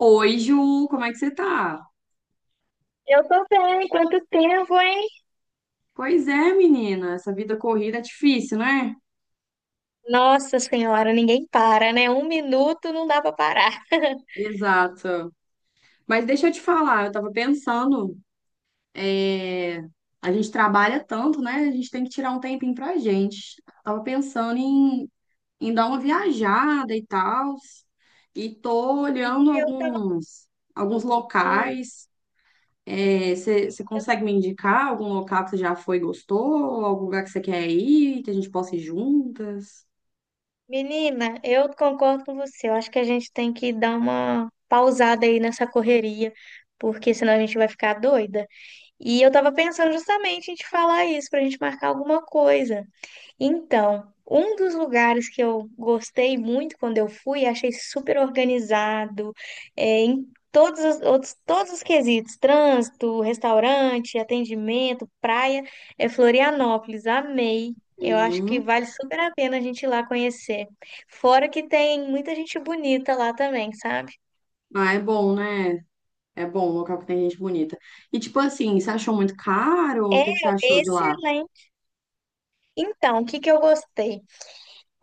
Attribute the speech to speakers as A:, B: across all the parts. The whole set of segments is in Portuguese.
A: Oi, Ju, como é que você tá?
B: Eu tô bem, quanto tempo, hein?
A: Pois é, menina, essa vida corrida é difícil, né?
B: Nossa Senhora, ninguém para, né? Um minuto não dá pra parar.
A: Exato. Mas deixa eu te falar, eu tava pensando, é, a gente trabalha tanto, né? A gente tem que tirar um tempinho pra gente. Tava pensando em dar uma viajada e tal, e tô
B: E
A: olhando
B: eu tava.
A: alguns
B: Hum,
A: locais. Você consegue me indicar algum local que você já foi e gostou? Algum lugar que você quer ir, que a gente possa ir juntas?
B: Menina, eu concordo com você. Eu acho que a gente tem que dar uma pausada aí nessa correria, porque senão a gente vai ficar doida. E eu tava pensando justamente em te falar isso, pra gente marcar alguma coisa. Então, um dos lugares que eu gostei muito quando eu fui, achei super organizado, todos os quesitos, trânsito, restaurante, atendimento, praia, é Florianópolis, amei. Eu acho que
A: Hum.
B: vale super a pena a gente ir lá conhecer. Fora que tem muita gente bonita lá também, sabe?
A: Ah, é bom, né? É bom, um local que tem gente bonita. E tipo assim, você achou muito caro? O
B: É
A: que que você achou de lá?
B: excelente. Então, o que que eu gostei?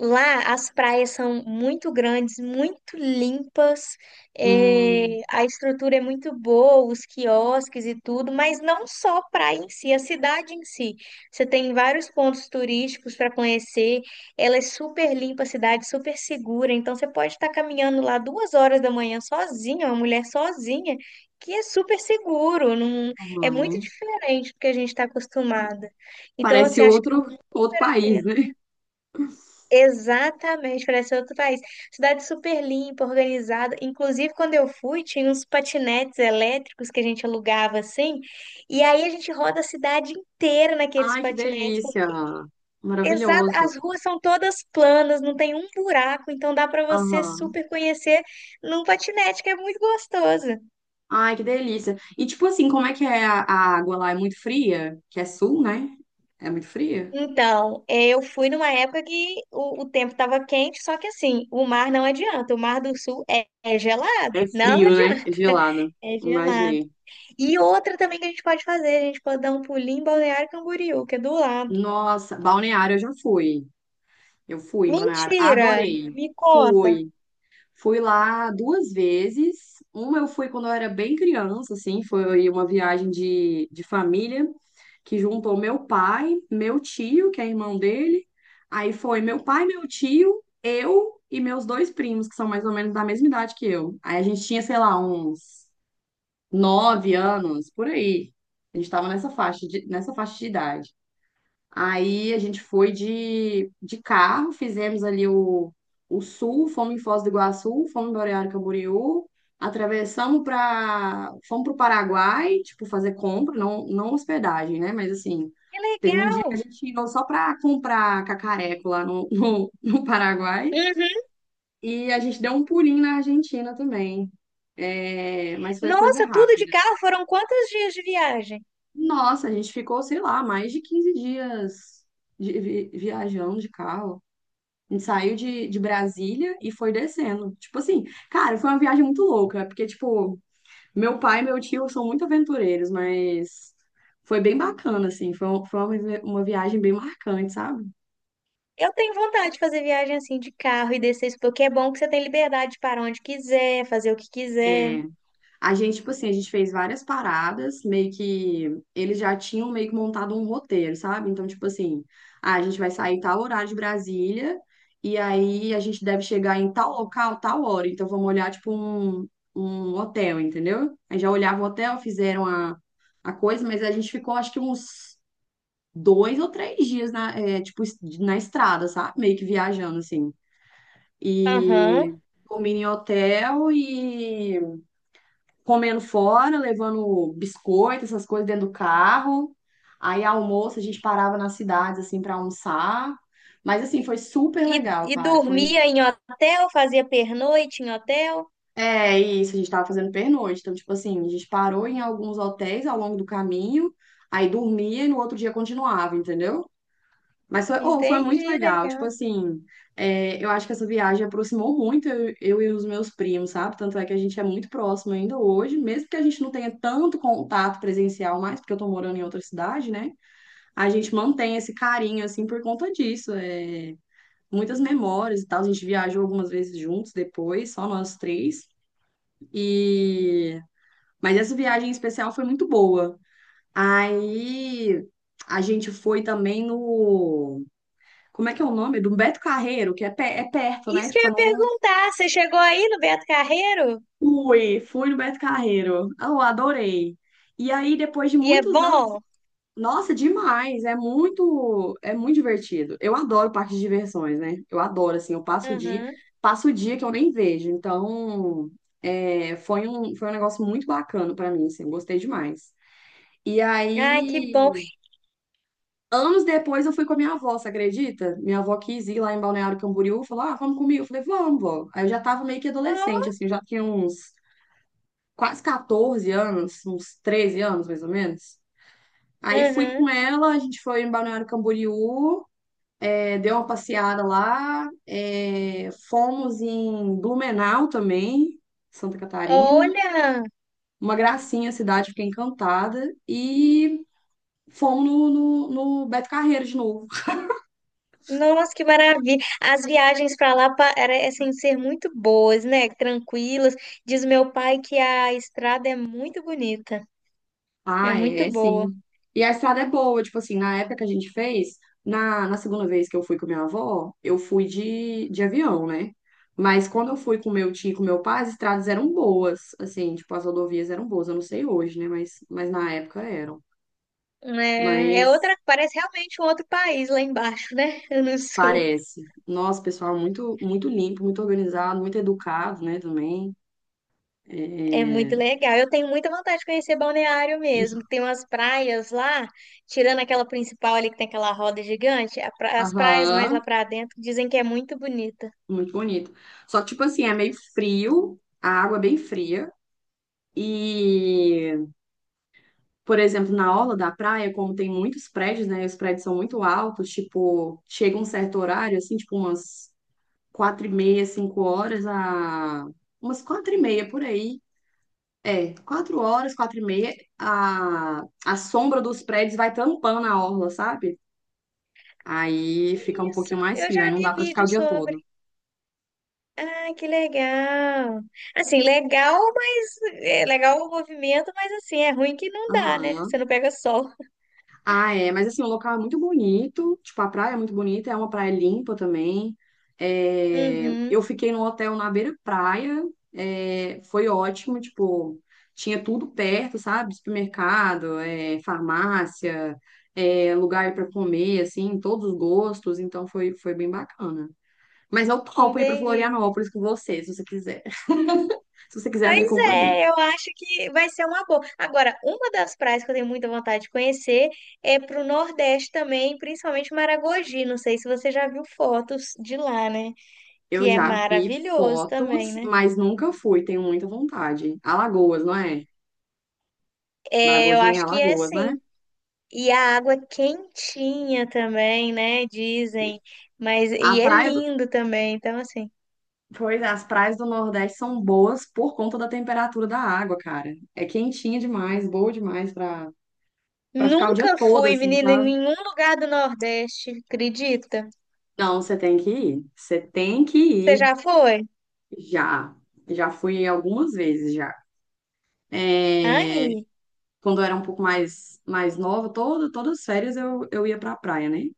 B: Lá as praias são muito grandes, muito limpas,
A: Hum,
B: a estrutura é muito boa, os quiosques e tudo, mas não só a praia em si, a cidade em si. Você tem vários pontos turísticos para conhecer, ela é super limpa, a cidade super segura, então você pode estar caminhando lá 2 horas da manhã sozinha, uma mulher sozinha, que é super seguro, não
A: tá
B: é muito
A: bom.
B: diferente do que a gente está acostumada. Então,
A: Parece
B: assim, acho que vale
A: outro
B: super a
A: país,
B: pena.
A: né?
B: Exatamente, parece outro país. Cidade super limpa, organizada. Inclusive, quando eu fui, tinha uns patinetes elétricos que a gente alugava assim, e aí a gente roda a cidade inteira naqueles
A: Ai, que
B: patinetes.
A: delícia.
B: Exato,
A: Maravilhoso.
B: as ruas são todas planas, não tem um buraco, então dá para você
A: Aham.
B: super conhecer num patinete, que é muito gostoso.
A: Ai, que delícia. E tipo assim, como é que é a água lá? É muito fria? Que é sul, né? É muito fria?
B: Então, eu fui numa época que o tempo estava quente, só que assim, o mar não adianta, o Mar do Sul é gelado,
A: É
B: não
A: frio, né? É
B: adianta.
A: gelado.
B: É gelado.
A: Imaginei.
B: E outra também que a gente pode fazer, a gente pode dar um pulinho em Balneário Camboriú, que é do lado.
A: Nossa, Balneário eu já fui. Eu fui em Balneário.
B: Mentira!
A: Adorei.
B: Me conta.
A: Fui. Fui lá duas vezes. Uma eu fui quando eu era bem criança, assim, foi uma viagem de família que juntou meu pai, meu tio, que é irmão dele. Aí foi meu pai, meu tio, eu e meus dois primos, que são mais ou menos da mesma idade que eu. Aí a gente tinha, sei lá, uns 9 anos, por aí. A gente tava nessa faixa de idade. Aí a gente foi de carro, fizemos ali o sul, fomos em Foz do Iguaçu, fomos em Balneário Camboriú, atravessamos para, fomos para o Paraguai, tipo, fazer compra, não, não hospedagem, né? Mas assim,
B: Que
A: teve um dia que a
B: legal!
A: gente indo só para comprar cacareco lá no Paraguai
B: Uhum.
A: e a gente deu um pulinho na Argentina também. É, mas foi coisa
B: Nossa, tudo de
A: rápida.
B: carro? Foram quantos dias de viagem?
A: Nossa, a gente ficou, sei lá, mais de 15 dias de viajando de carro. A gente saiu de Brasília e foi descendo. Tipo assim, cara, foi uma viagem muito louca, porque, tipo, meu pai e meu tio são muito aventureiros, mas foi bem bacana, assim. Foi, um- foi uma, vi- Uma viagem bem marcante, sabe?
B: Eu tenho vontade de fazer viagem assim de carro e descer isso, porque é bom que você tem liberdade de parar onde quiser, fazer o que quiser.
A: A gente, tipo assim, a gente fez várias paradas, meio que eles já tinham meio que montado um roteiro, sabe? Então, tipo assim, ah, a gente vai sair tal horário de Brasília e aí a gente deve chegar em tal local, tal hora. Então, vamos olhar, um hotel, entendeu? Aí já olhava o hotel, fizeram a coisa, mas a gente ficou, acho que uns 2 ou 3 dias na, é, tipo, es- na estrada, sabe? Meio que viajando, assim.
B: Aham.
A: E dormindo em hotel e comendo fora, levando biscoito, essas coisas dentro do carro. Aí almoço a gente parava nas cidades assim para almoçar. Mas assim, foi super
B: E,
A: legal,
B: e
A: cara. Foi
B: dormia em hotel, fazia pernoite em hotel.
A: É isso, a gente tava fazendo pernoite. Então, tipo assim, a gente parou em alguns hotéis ao longo do caminho, aí dormia e no outro dia continuava, entendeu? Mas foi, oh, foi muito
B: Entendi,
A: legal. Tipo
B: legal.
A: assim, eu acho que essa viagem aproximou muito eu e os meus primos, sabe? Tanto é que a gente é muito próximo ainda hoje, mesmo que a gente não tenha tanto contato presencial mais, porque eu tô morando em outra cidade, né? A gente mantém esse carinho, assim, por conta disso. É, muitas memórias e tal. A gente viajou algumas vezes juntos depois, só nós três. E... Mas essa viagem em especial foi muito boa. Aí a gente foi também no. Como é que é o nome? Do Beto Carreiro, que é, é perto, né?
B: Isso que eu
A: Tipo, eu
B: ia
A: não
B: perguntar, você chegou aí no Beto Carreiro?
A: fui, fui no Beto Carreiro. Ah, eu adorei. E aí, depois de
B: E é
A: muitos anos,
B: bom?
A: nossa, demais, é muito divertido. Eu adoro parques de diversões, né? Eu adoro, assim, eu
B: Aham.
A: passo o dia que eu nem vejo. Então, foi um negócio muito bacana pra mim, assim, eu gostei demais. E
B: Ai, que
A: aí,
B: bom.
A: anos depois eu fui com a minha avó, você acredita? Minha avó quis ir lá em Balneário Camboriú, falou: Ah, vamos comigo. Eu falei: Vamos, vó. Aí eu já tava meio que adolescente,
B: Oh,
A: assim, eu já tinha uns quase 14 anos, uns 13 anos mais ou menos. Aí fui com
B: aham.
A: ela, a gente foi em Balneário Camboriú, deu uma passeada lá, fomos em Blumenau também, Santa Catarina.
B: Olha,
A: Uma gracinha a cidade, fiquei encantada. E fomos no Beto Carreiro de novo.
B: nossa, que maravilha. As viagens para lá parecem ser muito boas, né? Tranquilas. Diz meu pai que a estrada é muito bonita, é
A: Ah,
B: muito
A: é,
B: boa.
A: sim. E a estrada é boa, tipo assim, na época que a gente fez, na segunda vez que eu fui com minha avó, eu fui de avião, né? Mas quando eu fui com meu tio e com meu pai, as estradas eram boas, assim, tipo, as rodovias eram boas, eu não sei hoje, né? Mas na época eram.
B: É, é outra,
A: Mas
B: parece realmente um outro país lá embaixo, né? No sul.
A: parece. Nossa, pessoal, muito, muito limpo, muito organizado, muito educado, né, também.
B: É
A: É...
B: muito legal. Eu tenho muita vontade de conhecer Balneário mesmo. Tem umas praias lá, tirando aquela principal ali que tem aquela roda gigante, as praias mais
A: Aham,
B: lá para dentro dizem que é muito bonita.
A: muito bonito. Só que, tipo assim, é meio frio, a água é bem fria. E, por exemplo, na orla da praia, como tem muitos prédios, né? Os prédios são muito altos, tipo, chega um certo horário, assim, tipo umas 4h30, 5 horas, umas 4h30 por aí. É, 4 horas, 4h30, a sombra dos prédios vai tampando a orla, sabe? Aí fica um
B: Isso,
A: pouquinho mais
B: eu
A: frio, aí
B: já
A: não
B: vi
A: dá pra ficar o
B: vídeo
A: dia
B: sobre.
A: todo.
B: Ah, que legal. Assim, legal, mas é legal o movimento, mas assim, é ruim que não dá, né? Você
A: Aham.
B: não pega sol.
A: Ah, é, mas assim, o local é muito bonito, tipo, a praia é muito bonita, é uma praia limpa também. É,
B: Uhum,
A: eu fiquei num hotel na beira-praia, é, foi ótimo, tipo, tinha tudo perto, sabe? Supermercado, é, farmácia, é, lugar para comer, assim, todos os gostos, então foi, foi bem bacana. Mas eu topo ir para
B: entendi.
A: Florianópolis com você, se você quiser. Se você quiser a minha
B: Mas
A: companhia.
B: é, eu acho que vai ser uma boa. Agora, uma das praias que eu tenho muita vontade de conhecer é pro Nordeste também, principalmente Maragogi. Não sei se você já viu fotos de lá, né?
A: Eu
B: Que é
A: já vi
B: maravilhoso também,
A: fotos,
B: né?
A: mas nunca fui, tenho muita vontade. Alagoas, não é?
B: É, eu
A: Maragogi é em
B: acho que é
A: Alagoas, né?
B: sim. E a água quentinha também, né? Dizem. Mas e
A: A
B: é
A: praia do...
B: lindo também. Então, assim,
A: Pois é, as praias do Nordeste são boas por conta da temperatura da água, cara. É quentinha demais, boa demais pra ficar o dia
B: nunca
A: todo,
B: fui,
A: assim,
B: menina, em
A: sabe?
B: nenhum lugar do Nordeste, acredita?
A: Não, você tem que ir. Você tem que
B: Você
A: ir.
B: já foi?
A: Já. Já fui algumas vezes já. É,
B: Ai,
A: quando eu era um pouco mais nova, todas as férias eu ia pra praia, né?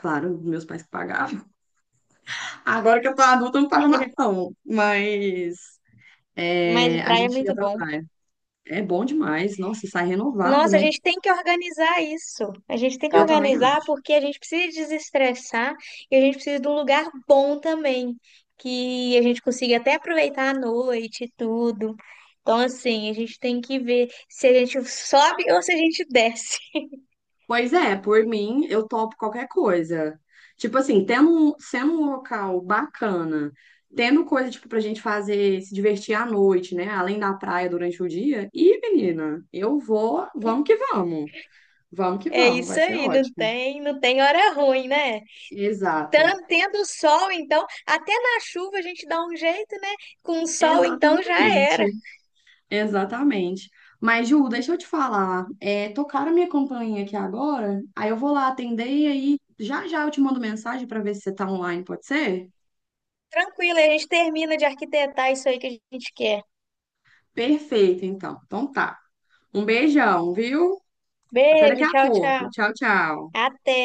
A: Claro, meus pais que pagavam. Agora que eu tô adulta, eu não pago mais não. Mas
B: mas
A: é, a
B: praia é
A: gente ia
B: muito
A: pra
B: bom.
A: praia. É bom demais. Nossa, sai renovado,
B: Nossa, a
A: né?
B: gente tem que organizar isso. A gente tem que
A: Eu também
B: organizar
A: acho.
B: porque a gente precisa desestressar e a gente precisa de um lugar bom também, que a gente consiga até aproveitar a noite e tudo. Então, assim, a gente tem que ver se a gente sobe ou se a gente desce.
A: Pois é, por mim, eu topo qualquer coisa. Tipo assim, sendo um local bacana, tendo coisa, tipo, pra gente fazer, se divertir à noite, né? Além da praia durante o dia. Ih, menina, eu vou, vamos que vamos. Vamos que
B: É
A: vamos, vai
B: isso
A: ser
B: aí, não
A: ótimo.
B: tem, não tem hora ruim, né?
A: Exato.
B: Tendo sol, então, até na chuva a gente dá um jeito, né? Com o sol, então, já era.
A: Exatamente. Exatamente. Mas, Ju, deixa eu te falar. É, tocaram a minha campainha aqui agora, aí eu vou lá atender e aí já já eu te mando mensagem para ver se você tá online, pode ser?
B: Tranquilo, a gente termina de arquitetar isso aí que a gente quer.
A: Perfeito, então. Então tá. Um beijão, viu? Até daqui
B: Beijo,
A: a
B: tchau, tchau.
A: pouco. Tchau, tchau.
B: Até.